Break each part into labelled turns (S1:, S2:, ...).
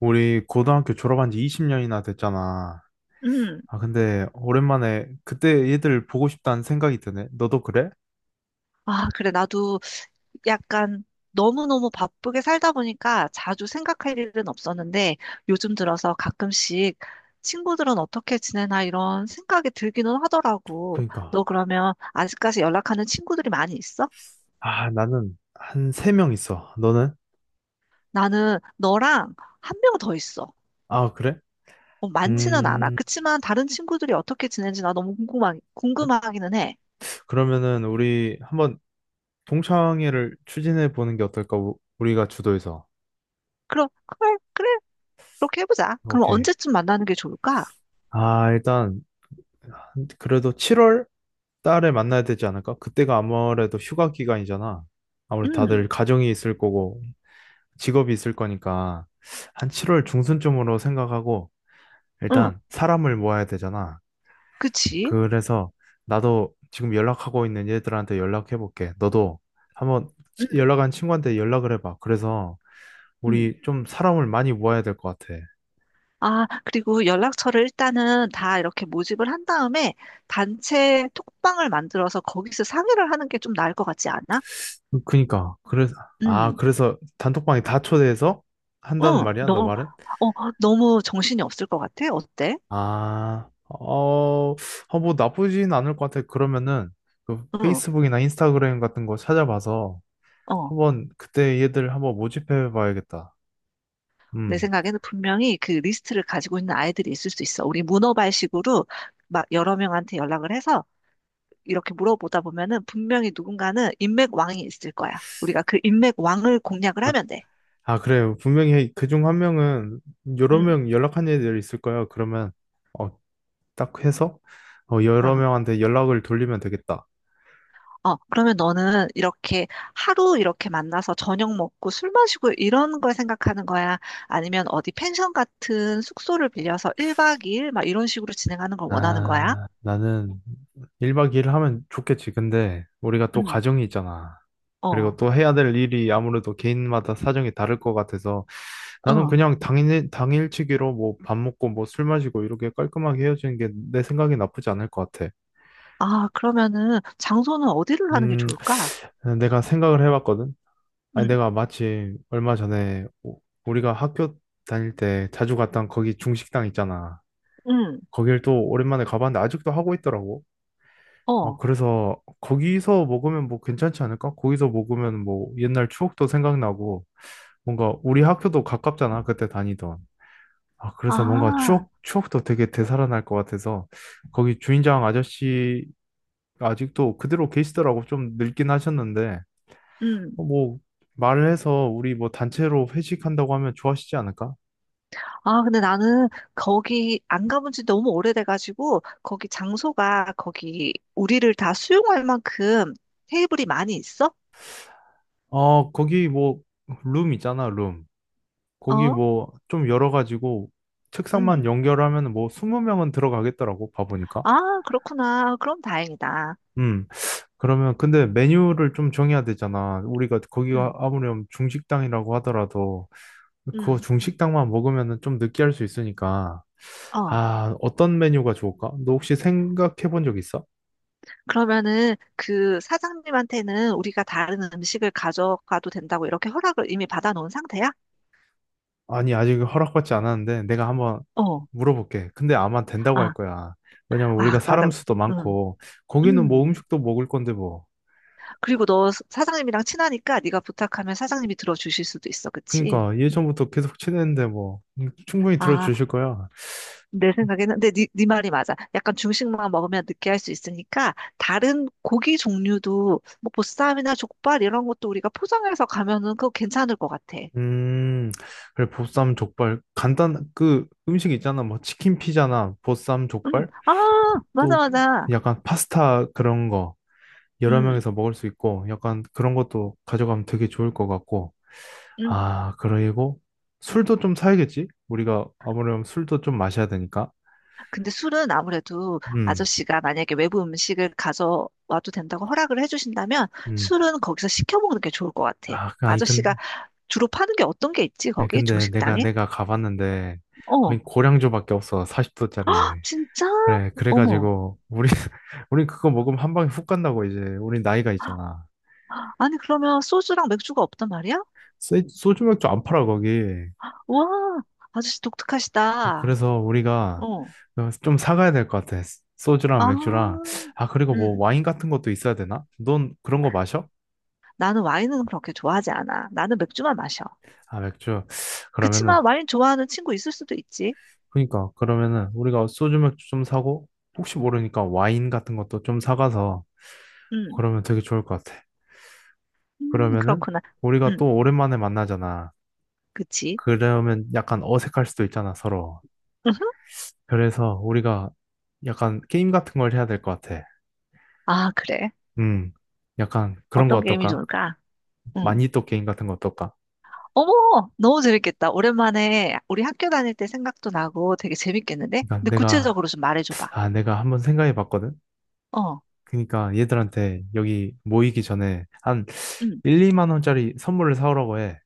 S1: 우리 고등학교 졸업한 지 20년이나 됐잖아.
S2: 음.
S1: 아, 근데 오랜만에 그때 얘들 보고 싶다는 생각이 드네. 너도 그래?
S2: 아, 그래. 나도 약간 너무너무 바쁘게 살다 보니까 자주 생각할 일은 없었는데 요즘 들어서 가끔씩 친구들은 어떻게 지내나 이런 생각이 들기는 하더라고. 너
S1: 그러니까.
S2: 그러면 아직까지 연락하는 친구들이 많이 있어?
S1: 아, 나는 한 세 명 있어. 너는?
S2: 나는 너랑 한 명 더 있어.
S1: 아, 그래?
S2: 뭐 많지는 않아.
S1: 음,
S2: 그치만 다른 친구들이 어떻게 지내는지 나 너무 궁금하,
S1: 그래?
S2: 궁금하기는 해.
S1: 그러면은 우리 한번 동창회를 추진해 보는 게 어떨까? 우리가 주도해서.
S2: 그럼, 그래, 그래. 그렇게 해보자. 그럼
S1: 오케이.
S2: 언제쯤 만나는 게 좋을까?
S1: 아, 일단 그래도 7월 달에 만나야 되지 않을까? 그때가 아무래도 휴가 기간이잖아. 아무래도 다들
S2: 음,
S1: 가정이 있을 거고 직업이 있을 거니까 한 7월 중순쯤으로 생각하고
S2: 응,
S1: 일단 사람을 모아야 되잖아.
S2: 그치?
S1: 그래서 나도 지금 연락하고 있는 얘들한테 연락해 볼게. 너도 한번
S2: 음.
S1: 연락한 친구한테 연락을 해봐. 그래서
S2: 음.
S1: 우리 좀 사람을 많이 모아야 될 것 같아.
S2: 아, 그리고 연락처를 일단은 다 이렇게 모집을 한 다음에 단체 톡방을 만들어서 거기서 상의를 하는 게 좀 나을 것 같지 않아?
S1: 그니까 그래서 아
S2: 음,
S1: 그래서 단톡방에 다 초대해서 한다는
S2: 응,
S1: 말이야? 너 말은?
S2: 어, 너무 정신이 없을 것 같아? 어때?
S1: 아, 어, 뭐 나쁘진 않을 것 같아. 그러면은 그
S2: 응,
S1: 페이스북이나 인스타그램 같은 거 찾아봐서
S2: 어.
S1: 한번 그때 얘들 한번 모집해 봐야겠다.
S2: 내
S1: 음.
S2: 생각에는 분명히 그 리스트를 가지고 있는 아이들이 있을 수 있어. 우리 문어발식으로 막 여러 명한테 연락을 해서 이렇게 물어보다 보면은 분명히 누군가는 인맥왕이 있을 거야. 우리가 그 인맥왕을 공략을 하면 돼.
S1: 아, 그래요. 분명히 그중 한 명은 여러
S2: 응,
S1: 명 연락한 애들 있을 거예요. 그러면 어, 딱 해서 여러 명한테 연락을 돌리면 되겠다.
S2: 어, 그러면 너는 이렇게 하루 이렇게 만나서 저녁 먹고 술 마시고 이런 걸 생각하는 거야? 아니면 어디 펜션 같은 숙소를 빌려서 1박 2일 막 이런 식으로 진행하는 걸 원하는 거야?
S1: 아, 나는 1박 2일 하면 좋겠지. 근데 우리가 또
S2: 응,
S1: 가정이 있잖아. 그리고
S2: 어,
S1: 또 해야 될 일이 아무래도 개인마다 사정이 다를 것 같아서 나는
S2: 응.
S1: 그냥 당일치기로 뭐 밥 먹고 뭐 술 마시고 이렇게 깔끔하게 헤어지는 게 내 생각이 나쁘지 않을 것 같아.
S2: 아, 그러면은 장소는 어디를 하는 게
S1: 음,
S2: 좋을까?
S1: 내가 생각을 해봤거든. 아니,
S2: 응,
S1: 내가 마침 얼마 전에 우리가 학교 다닐 때 자주 갔던 거기 중식당 있잖아.
S2: 응,
S1: 거길 또 오랜만에 가봤는데 아직도 하고 있더라고. 아,
S2: 어,
S1: 그래서 거기서 먹으면 뭐 괜찮지 않을까? 거기서 먹으면 뭐 옛날 추억도 생각나고 뭔가 우리 학교도 가깝잖아. 그때 다니던. 아, 그래서 뭔가
S2: 아.
S1: 추억도 되게 되살아날 것 같아서 거기 주인장 아저씨 아직도 그대로 계시더라고. 좀 늙긴 하셨는데.
S2: 응.
S1: 뭐 말을 해서 우리 뭐 단체로 회식한다고 하면 좋아하시지 않을까?
S2: 아, 근데 나는 거기 안 가본 지 너무 오래돼가지고, 거기 장소가 거기 우리를 다 수용할 만큼 테이블이 많이 있어?
S1: 거기 뭐 룸 있잖아, 룸. 거기
S2: 어?
S1: 뭐 좀 열어 가지고 책상만
S2: 음.
S1: 연결하면 뭐 20명은 들어가겠더라고, 봐보니까.
S2: 아, 그렇구나. 그럼 다행이다.
S1: 음. 그러면 근데 메뉴를 좀 정해야 되잖아. 우리가 거기가
S2: 음,
S1: 아무렴 중식당이라고 하더라도 그거
S2: 음.
S1: 중식당만 먹으면은 좀 느끼할 수 있으니까.
S2: 어.
S1: 아, 어떤 메뉴가 좋을까? 너 혹시 생각해 본 적 있어?
S2: 그러면은 그 사장님한테는 우리가 다른 음식을 가져가도 된다고 이렇게 허락을 이미 받아놓은 상태야?
S1: 아니, 아직 허락받지 않았는데 내가 한번
S2: 어.
S1: 물어볼게. 근데 아마 된다고 할
S2: 아,
S1: 거야. 왜냐면
S2: 아,
S1: 우리가 사람
S2: 맞아.
S1: 수도
S2: 음.
S1: 많고 거기는 뭐
S2: 음.
S1: 음식도 먹을 건데 뭐.
S2: 그리고 너 사장님이랑 친하니까 네가 부탁하면 사장님이 들어주실 수도 있어. 그치?
S1: 그러니까
S2: 음.
S1: 예전부터 계속 친했는데 뭐 충분히
S2: 아,
S1: 들어주실 거야.
S2: 내 생각에는 근데 네 말이 맞아. 약간 중식만 먹으면 느끼할 수 있으니까 다른 고기 종류도 뭐 보쌈이나 족발 이런 것도 우리가 포장해서 가면은 그거 괜찮을 것 같아.
S1: 음, 그래 보쌈 족발 간단 그 음식 있잖아. 뭐 치킨 피자나 보쌈 족발
S2: 아 맞아
S1: 또
S2: 맞아.
S1: 약간 파스타 그런 거 여러
S2: 음,
S1: 명이서 먹을 수 있고 약간 그런 것도 가져가면 되게 좋을 것 같고.
S2: 음.
S1: 아, 그리고 술도 좀 사야겠지? 우리가 아무래도 술도 좀 마셔야 되니까.
S2: 근데 술은 아무래도
S1: 음,
S2: 아저씨가 만약에 외부 음식을 가져와도 된다고 허락을 해주신다면
S1: 음.
S2: 술은 거기서 시켜 먹는 게 좋을 것 같아.
S1: 아, 그- 아니,
S2: 아저씨가
S1: 근,
S2: 주로 파는 게 어떤 게 있지
S1: 아니,
S2: 거기
S1: 근데 내가,
S2: 중식당에?
S1: 내가 가봤는데 거의
S2: 어,
S1: 고량주밖에 없어. 40도짜리.
S2: 진짜?
S1: 그래,
S2: 어머.
S1: 그래가지고, 우리, 우리 그거 먹으면 한 방에 훅 간다고 이제. 우리 나이가 있잖아.
S2: 아니 그러면 소주랑 맥주가 없단 말이야?
S1: 소주 맥주 안 팔아, 거기.
S2: 와, 아저씨 독특하시다.
S1: 그래서 우리가
S2: 어.
S1: 좀 사가야 될 것 같아. 소주랑 맥주랑.
S2: 아,
S1: 아, 그리고 뭐
S2: 음.
S1: 와인 같은 것도 있어야 되나? 넌 그런 거 마셔?
S2: 나는 와인은 그렇게 좋아하지 않아. 나는 맥주만 마셔.
S1: 아, 맥주. 그러면은
S2: 그치만 와인 좋아하는 친구 있을 수도 있지.
S1: 그러면은 우리가 소주 맥주 좀 사고 혹시 모르니까 와인 같은 것도 좀 사가서
S2: 음,
S1: 그러면 되게 좋을 것 같아. 그러면은
S2: 그렇구나.
S1: 우리가
S2: 음,
S1: 또 오랜만에 만나잖아.
S2: 그치.
S1: 그러면 약간 어색할 수도 있잖아, 서로.
S2: 음흠.
S1: 그래서 우리가 약간 게임 같은 걸 해야 될 것 같아.
S2: 아, 그래.
S1: 음, 약간 그런 거
S2: 어떤 게임이
S1: 어떨까?
S2: 좋을까? 응.
S1: 마니또 게임 같은 거 어떨까?
S2: 어머, 너무 재밌겠다. 오랜만에 우리 학교 다닐 때 생각도 나고 되게 재밌겠는데?
S1: 그러니까
S2: 근데
S1: 내가,
S2: 구체적으로 좀 말해줘봐.
S1: 아, 내가 한번 생각해 봤거든?
S2: 어,
S1: 그러니까 얘들한테 여기 모이기 전에 한
S2: 응,
S1: 1, 2만 원짜리 선물을 사오라고 해.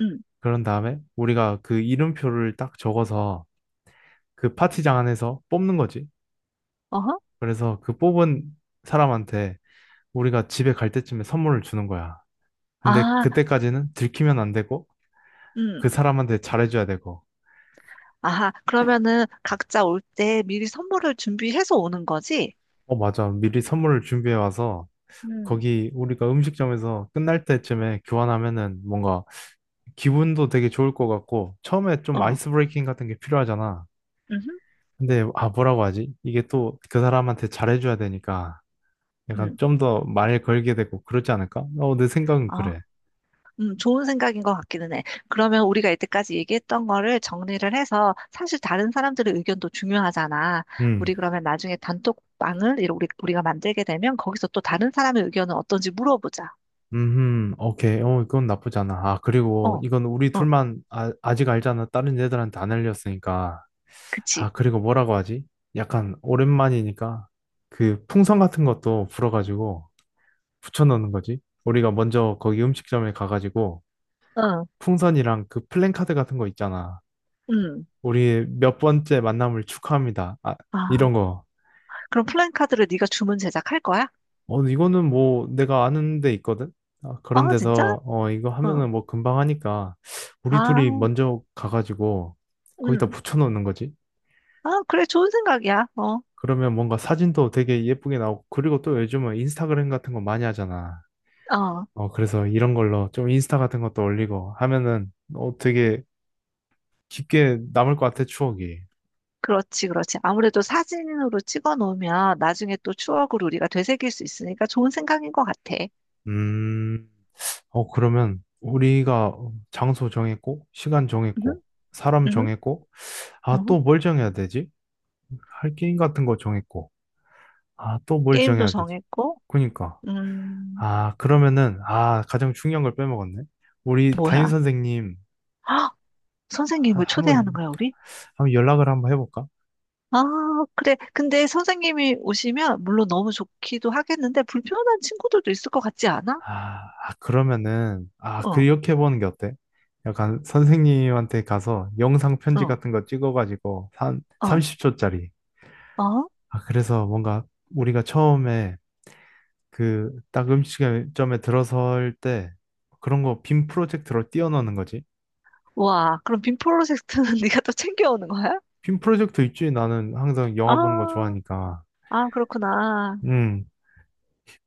S2: 응,
S1: 그런 다음에 우리가 그 이름표를 딱 적어서 그 파티장 안에서 뽑는 거지.
S2: 어허.
S1: 그래서 그 뽑은 사람한테 우리가 집에 갈 때쯤에 선물을 주는 거야. 근데
S2: 아,
S1: 그때까지는 들키면 안 되고 그
S2: 응.
S1: 사람한테 잘해줘야 되고.
S2: 아하, 그러면은 각자 올 때 미리 선물을 준비해서 오는 거지?
S1: 어, 맞아. 미리 선물을 준비해 와서
S2: 음,
S1: 거기 우리가 음식점에서 끝날 때쯤에 교환하면은 뭔가 기분도 되게 좋을 것 같고 처음에 좀
S2: 어.
S1: 아이스 브레이킹 같은 게 필요하잖아.
S2: 음,
S1: 근데 뭐라고 하지? 이게 또 그 사람한테 잘해줘야 되니까 약간
S2: 음,
S1: 좀 더 말을 걸게 되고 그러지 않을까? 내 생각은
S2: 어,
S1: 그래.
S2: 좋은 생각인 것 같기는 해. 그러면 우리가 이때까지 얘기했던 거를 정리를 해서 사실 다른 사람들의 의견도 중요하잖아.
S1: 음,
S2: 우리 그러면 나중에 단톡방을 이렇게 우리가 만들게 되면 거기서 또 다른 사람의 의견은 어떤지 물어보자.
S1: 오케이. 어, 그건 나쁘지 않아. 아, 그리고
S2: 어,
S1: 이건 우리
S2: 어,
S1: 둘만 아직 알잖아. 다른 애들한테 안 알렸으니까.
S2: 그치.
S1: 아, 그리고 뭐라고 하지? 약간 오랜만이니까 그 풍선 같은 것도 불어가지고 붙여넣는 거지. 우리가 먼저 거기 음식점에 가가지고
S2: 응,
S1: 풍선이랑 그 플랜카드 같은 거 있잖아.
S2: 응.
S1: 우리 몇 번째 만남을 축하합니다. 아,
S2: 아,
S1: 이런 거.
S2: 그럼 플랜카드를 네가 주문 제작할 거야?
S1: 이거는 뭐 내가 아는 데 있거든? 아, 그런
S2: 어, 진짜?
S1: 데서, 이거
S2: 응.
S1: 하면은 뭐 금방 하니까, 우리 둘이
S2: 아,
S1: 먼저 가가지고, 거기다
S2: 음.
S1: 붙여놓는 거지.
S2: 아, 그래, 좋은 생각이야. 어,
S1: 그러면 뭔가 사진도 되게 예쁘게 나오고, 그리고 또 요즘은 인스타그램 같은 거 많이 하잖아.
S2: 어,
S1: 그래서 이런 걸로 좀 인스타 같은 것도 올리고 하면은, 되게 깊게 남을 것 같아, 추억이.
S2: 그렇지, 그렇지. 아무래도 사진으로 찍어 놓으면 나중에 또 추억을 우리가 되새길 수 있으니까 좋은 생각인 것 같아.
S1: 음, 그러면 우리가 장소 정했고, 시간
S2: 음,
S1: 정했고, 사람
S2: 음,
S1: 정했고, 아,
S2: 음.
S1: 또 뭘 정해야 되지? 할 게임 같은 거 정했고, 아, 또 뭘
S2: 게임도
S1: 정해야 되지?
S2: 정했고,
S1: 그니까.
S2: 음,
S1: 아, 그러면은, 가장 중요한 걸 빼먹었네. 우리 담임
S2: 뭐야?
S1: 선생님,
S2: 헉,
S1: 한,
S2: 선생님을
S1: 한번,
S2: 초대하는 거야, 우리?
S1: 한번 연락을 한번 해볼까?
S2: 아, 그래. 근데 선생님이 오시면 물론 너무 좋기도 하겠는데 불편한 친구들도 있을 것 같지 않아?
S1: 아, 아, 그러면은,
S2: 어,
S1: 그렇게 해보는 게 어때? 약간 선생님한테 가서 영상 편지
S2: 어,
S1: 같은 거 찍어가지고, 한
S2: 어,
S1: 30초짜리.
S2: 어?
S1: 아, 그래서 뭔가 우리가 처음에 그 딱 음식점에 들어설 때 그런 거 빔 프로젝트로 띄워넣는 거지.
S2: 와, 그럼 빔 프로젝트는 네가 또 챙겨오는 거야?
S1: 빔 프로젝터 있지. 나는 항상
S2: 아,
S1: 영화 보는 거 좋아하니까.
S2: 아, 그렇구나.
S1: 음,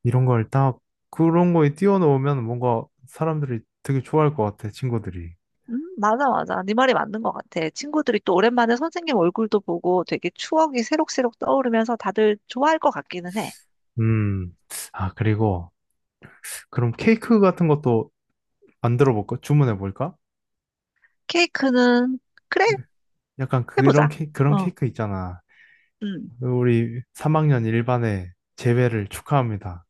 S1: 이런 걸 딱 그런 거에 띄워놓으면 뭔가 사람들이 되게 좋아할 것 같아, 친구들이.
S2: 맞아, 맞아. 네 말이 맞는 것 같아. 친구들이 또 오랜만에 선생님 얼굴도 보고 되게 추억이 새록새록 떠오르면서 다들 좋아할 것 같기는 해.
S1: 음, 그리고 그럼 케이크 같은 것도 만들어 볼까? 주문해 볼까?
S2: 케이크는, 그래,
S1: 약간 그런
S2: 해보자.
S1: 케 그런
S2: 어,
S1: 케이크 있잖아.
S2: 음.
S1: 우리 3학년 일반의 재배를 축하합니다.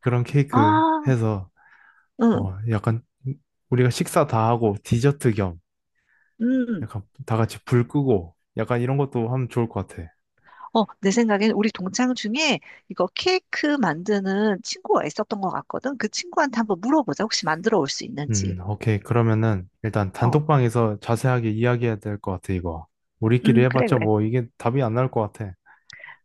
S1: 그런 케이크
S2: 아,
S1: 해서
S2: 응,
S1: 약간 우리가 식사 다 하고 디저트 겸
S2: 음.
S1: 약간 다 같이 불 끄고 약간 이런 것도 하면 좋을 것 같아.
S2: 어, 내 생각엔 우리 동창 중에 이거 케이크 만드는 친구가 있었던 것 같거든. 그 친구한테 한번 물어보자. 혹시 만들어 올 수 있는지.
S1: 오케이. 그러면은 일단
S2: 어,
S1: 단톡방에서 자세하게 이야기해야 될 것 같아, 이거. 우리끼리
S2: 그래,
S1: 해봤자
S2: 그래.
S1: 뭐 이게 답이 안 나올 것 같아.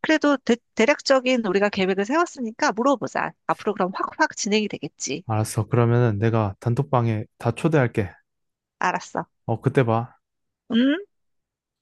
S2: 그래도 대략적인 우리가 계획을 세웠으니까 물어보자. 앞으로 그럼 확확 진행이 되겠지.
S1: 알았어. 그러면은 내가 단톡방에 다 초대할게.
S2: 알았어.
S1: 어, 그때 봐.
S2: 음.